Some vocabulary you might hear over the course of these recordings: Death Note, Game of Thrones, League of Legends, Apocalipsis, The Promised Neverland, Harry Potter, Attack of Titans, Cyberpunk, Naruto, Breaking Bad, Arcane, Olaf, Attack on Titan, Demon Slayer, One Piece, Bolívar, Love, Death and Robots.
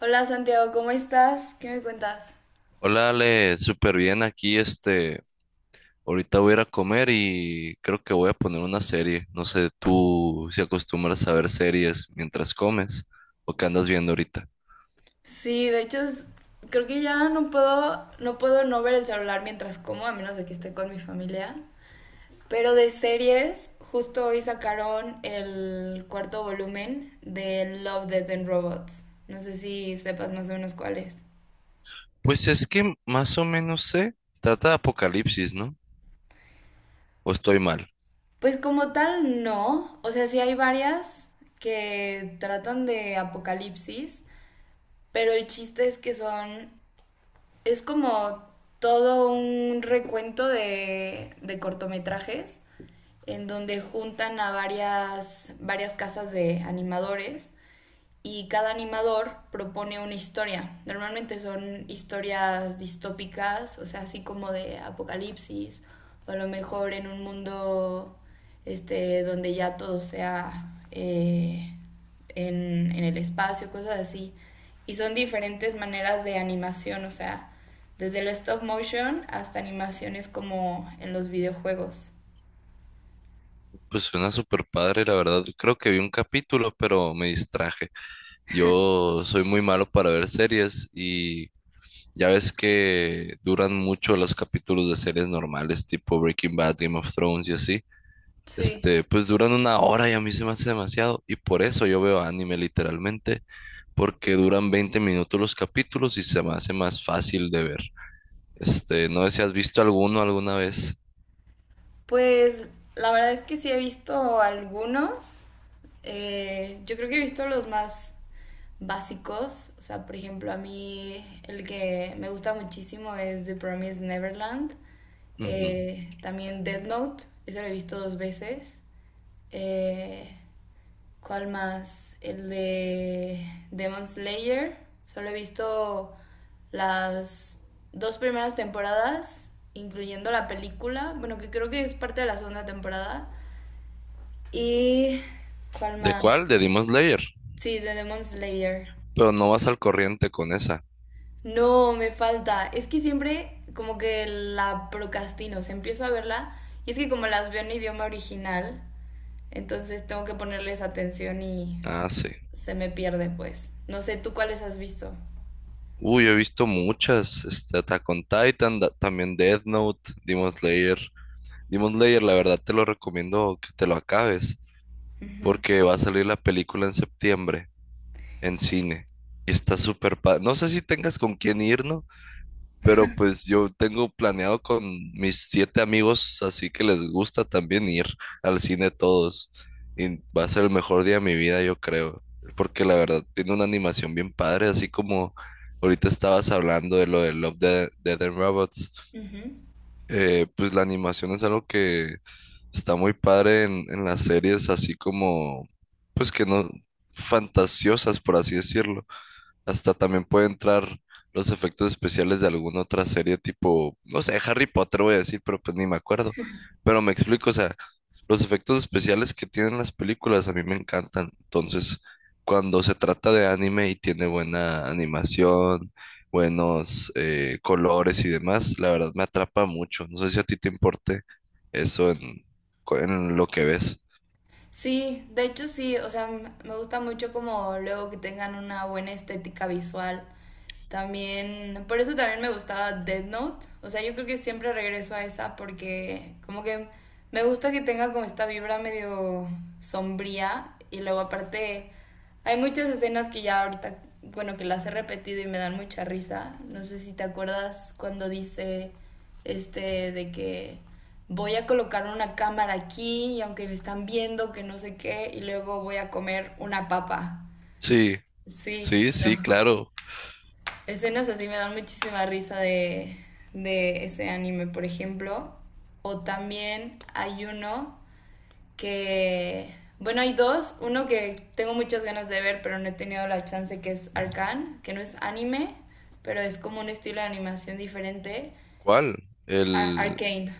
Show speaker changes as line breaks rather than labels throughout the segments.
Hola Santiago, ¿cómo estás? ¿Qué me cuentas?
Hola Ale, súper bien aquí, ahorita voy a ir a comer y creo que voy a poner una serie. No sé, tú si acostumbras a ver series mientras comes o qué andas viendo ahorita.
Sí, de hecho creo que ya no puedo no ver el celular mientras como, a menos de que esté con mi familia. Pero de series, justo hoy sacaron el cuarto volumen de Love, Death and Robots. No sé si sepas más o menos cuál es.
Pues es que más o menos sé, trata de Apocalipsis, ¿no? O estoy mal.
Pues como tal no, o sea, sí hay varias que tratan de apocalipsis, pero el chiste es que son. Es como todo un recuento de cortometrajes en donde juntan a varias casas de animadores y cada animador propone una historia. Normalmente son historias distópicas, o sea, así como de apocalipsis, o a lo mejor en un mundo este, donde ya todo sea en el espacio, cosas así. Y son diferentes maneras de animación, o sea, desde el stop motion hasta animaciones como en los videojuegos.
Pues suena súper padre, la verdad. Creo que vi un capítulo, pero me distraje. Yo soy muy malo para ver series y ya ves que duran mucho los capítulos de series normales, tipo Breaking Bad, Game of Thrones y así.
Sí,
Pues duran una hora y a mí se me hace demasiado. Y por eso yo veo anime literalmente, porque duran 20 minutos los capítulos y se me hace más fácil de ver. No sé si has visto alguno alguna vez.
pues la verdad es que sí he visto algunos. Yo creo que he visto los más básicos. O sea, por ejemplo, a mí el que me gusta muchísimo es The Promised Neverland.
Ujú.
También Death Note. Ese lo he visto dos veces. Eh, ¿Cuál más? El de Demon Slayer. Solo he visto las dos primeras temporadas, incluyendo la película. Bueno, que creo que es parte de la segunda temporada. ¿Y cuál
¿De
más?
cuál? De Demon Slayer.
Sí, de Demon Slayer.
Pero no vas al corriente con esa.
No, me falta. Es que siempre como que la procrastino. O sea, empiezo a verla y es que como las veo en idioma original, entonces tengo que ponerles atención y
Ah, sí.
se me pierde, pues. No sé, ¿tú cuáles has visto?
Uy, he visto muchas. Attack on Titan, también Death Note, Demon Slayer. Demon Slayer, la verdad te lo recomiendo que te lo acabes,
Ujú,
porque va a salir la película en septiembre en cine. Y está súper padre. No sé si tengas con quién ir, ¿no? Pero pues yo tengo planeado con mis siete amigos, así que les gusta también ir al cine todos. Y va a ser el mejor día de mi vida, yo creo. Porque la verdad tiene una animación bien padre, así como ahorita estabas hablando de lo de Love, Death and Robots.
ujú.
Pues la animación es algo que está muy padre en las series, así como, pues que no, fantasiosas, por así decirlo. Hasta también puede entrar los efectos especiales de alguna otra serie tipo, no sé, Harry Potter voy a decir, pero pues ni me acuerdo. Pero me explico, o sea, los efectos especiales que tienen las películas a mí me encantan. Entonces, cuando se trata de anime y tiene buena animación, buenos colores y demás, la verdad me atrapa mucho. No sé si a ti te importe eso en lo que ves.
Sí, de hecho sí, o sea, me gusta mucho como luego que tengan una buena estética visual. También, por eso también me gustaba Death Note. O sea, yo creo que siempre regreso a esa porque como que me gusta que tenga como esta vibra medio sombría y luego aparte. Hay muchas escenas que ya ahorita, bueno, que las he repetido y me dan mucha risa. No sé si te acuerdas cuando dice este de que voy a colocar una cámara aquí y aunque me están viendo que no sé qué y luego voy a comer una papa.
Sí,
Sí,
sí,
no.
sí, claro.
Escenas así me dan muchísima risa de ese anime, por ejemplo. O también hay uno que, bueno, hay dos, uno que tengo muchas ganas de ver, pero no he tenido la chance, que es Arcane, que no es anime, pero es como un estilo de animación diferente,
¿Cuál? El,
Arcane,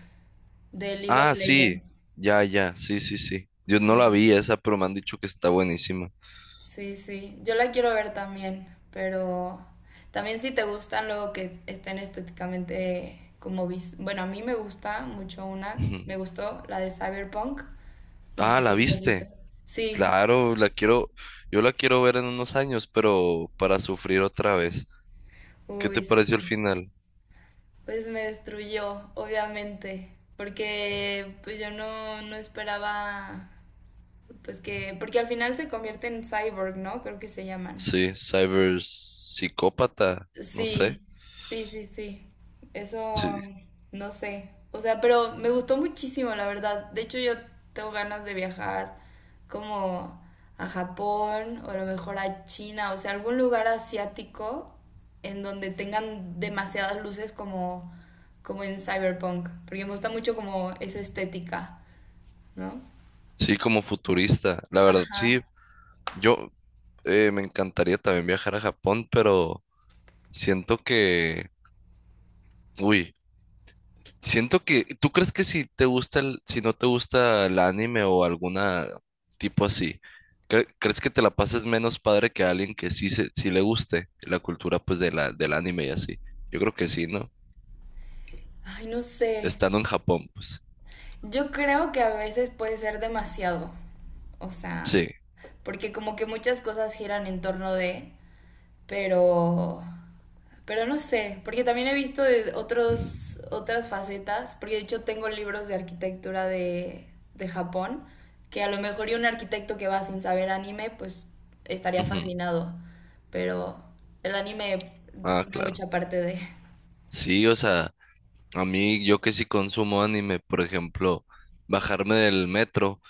de League of
Ah, sí,
Legends.
ya, ya, sí, sí, sí. Yo no la
Sí,
vi esa, pero me han dicho que está buenísima.
sí, sí, yo la quiero ver también, pero también si te gustan luego que estén estéticamente como, bueno, a mí me gusta mucho una,
Ujú.
me gustó la de Cyberpunk, no sé
Ah, ¿la
si la has visto.
viste?
Sí,
Claro, yo la quiero ver en unos años, pero para sufrir otra vez. ¿Qué te
uy. Sí.
pareció el final?
Pues me destruyó, obviamente, porque pues yo no, no esperaba, pues que, porque al final se convierte en cyborg, ¿no? Creo que se llaman.
Sí, cyber no sé.
Sí, sí, sí, sí. Eso,
Sí,
no sé. O sea, pero me gustó muchísimo, la verdad. De hecho, yo tengo ganas de viajar como a Japón o a lo mejor a China, o sea, algún lugar asiático en donde tengan demasiadas luces como, como en Cyberpunk, porque me gusta mucho como esa estética, ¿no?
sí, como futurista. La verdad, sí,
Ajá.
yo me encantaría también viajar a Japón, pero siento que, uy. Siento que, ¿tú crees que si no te gusta el anime o alguna tipo así, crees que te la pases menos padre que a alguien que sí le guste la cultura pues del anime y así? Yo creo que sí, ¿no?
Ay, no sé.
Estando en Japón, pues.
Yo creo que a veces puede ser demasiado, o sea,
Sí.
porque como que muchas cosas giran en torno de, pero, pero no sé, porque también he visto de otros, otras facetas, porque de hecho tengo libros de arquitectura de Japón, que a lo mejor y un arquitecto que va sin saber anime, pues estaría
Ujú.
fascinado, pero el anime
Ah,
forma
claro.
mucha parte de...
Sí, o sea, a mí yo que sí consumo anime, por ejemplo, bajarme del metro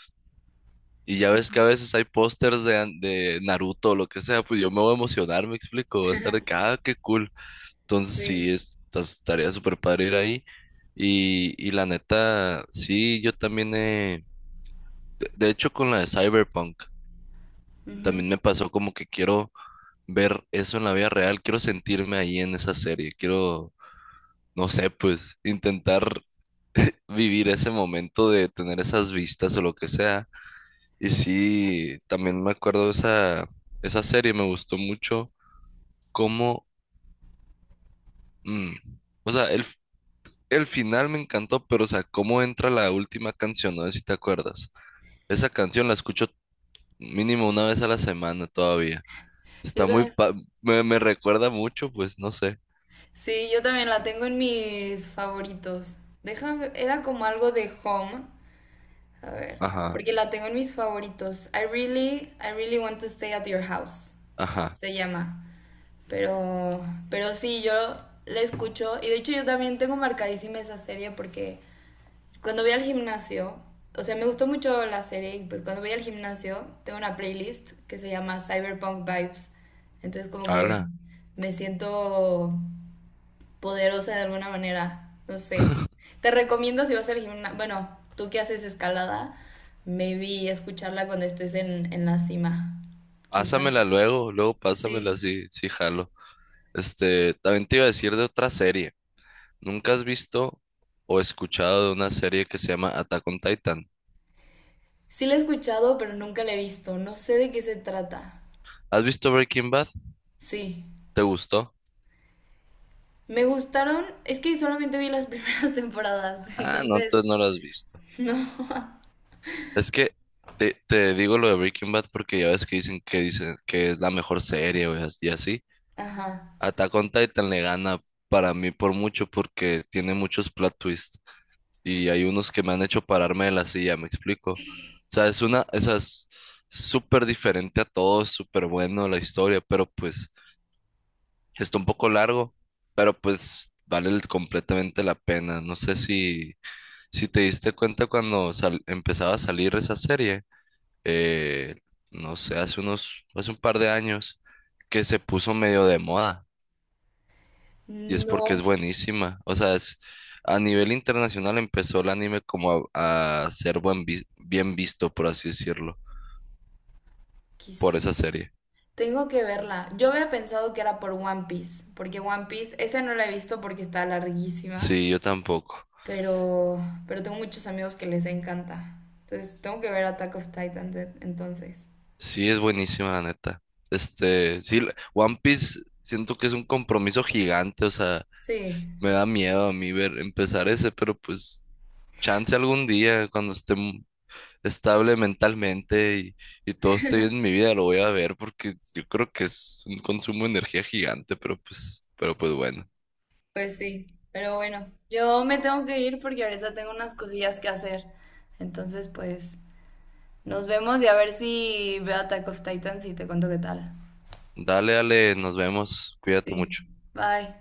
y ya ves que a veces hay pósters de Naruto o lo que sea, pues yo me voy a emocionar, me explico, va a estar de que, ah, qué cool. Entonces
Sí.
sí, estaría súper padre ir ahí. Y la neta, sí, yo también de hecho con la de Cyberpunk,
Ujú.
también me pasó como que quiero ver eso en la vida real, quiero sentirme ahí en esa serie, quiero, no sé, pues intentar vivir ese momento de tener esas vistas o lo que sea. Y sí, también me acuerdo de esa serie, me gustó mucho cómo, mm, o sea, el final me encantó, pero o sea, cómo entra la última canción, no sé si te acuerdas. Esa canción la escucho mínimo una vez a la semana todavía. Está
Yo
muy,
también.
pa- me recuerda mucho, pues no sé.
Sí, yo también la tengo en mis favoritos. Déjame, era como algo de home. A ver,
Ajá,
porque la tengo en mis favoritos. I really want to stay at your house.
ajá.
Se llama. Pero, pero sí, yo la escucho. Y de hecho yo también tengo marcadísima esa serie porque cuando voy al gimnasio, o sea, me gustó mucho la serie. Y pues cuando voy al gimnasio, tengo una playlist que se llama Cyberpunk Vibes. Entonces como que
Hala,
me siento poderosa de alguna manera. No sé. Te recomiendo si vas al gimnasio, bueno, tú que haces escalada, maybe escucharla cuando estés en la cima. Quizás.
luego pásamela,
Sí.
sí, sí jalo. También te iba a decir de otra serie. ¿Nunca has visto o escuchado de una serie que se llama Attack on Titan?
Sí la he escuchado, pero nunca la he visto. No sé de qué se trata.
¿Has visto Breaking Bad?
Sí.
¿Te gustó?
Me gustaron, es que solamente vi las primeras temporadas,
Ah, no,
entonces,
entonces no la has visto.
no.
Es que te digo lo de Breaking Bad porque ya ves que dicen que es la mejor serie, güey, y así.
Ajá.
Attack on Titan le gana para mí por mucho porque tiene muchos plot twists y hay unos que me han hecho pararme de la silla, ¿me explico? O sea, esa es súper diferente a todo, es súper bueno la historia, pero pues está un poco largo, pero pues vale completamente la pena. No sé si te diste cuenta cuando empezaba a salir esa serie, eh, no sé, hace un par de años, que se puso medio de moda y es porque es
No,
buenísima. O sea, a nivel internacional empezó el anime como a ser bien visto, por así decirlo, por
quizá.
esa serie.
Tengo que verla. Yo había pensado que era por One Piece, porque One Piece, esa no la he visto porque está larguísima.
Sí, yo tampoco.
Pero, pero tengo muchos amigos que les encanta. Entonces, tengo que ver Attack of Titans entonces.
Sí, es buenísima, la neta. Sí, One Piece siento que es un compromiso gigante, o sea,
Sí,
me da miedo a mí ver empezar ese, pero pues chance algún día cuando esté estable mentalmente y todo esté bien en mi vida, lo voy a ver porque yo creo que es un consumo de energía gigante, pero pues bueno.
pues sí. Pero bueno, yo me tengo que ir porque ahorita tengo unas cosillas que hacer. Entonces, pues, nos vemos y a ver si veo Attack of Titans y te cuento qué tal.
Dale, dale, nos vemos. Cuídate
Sí,
mucho.
bye.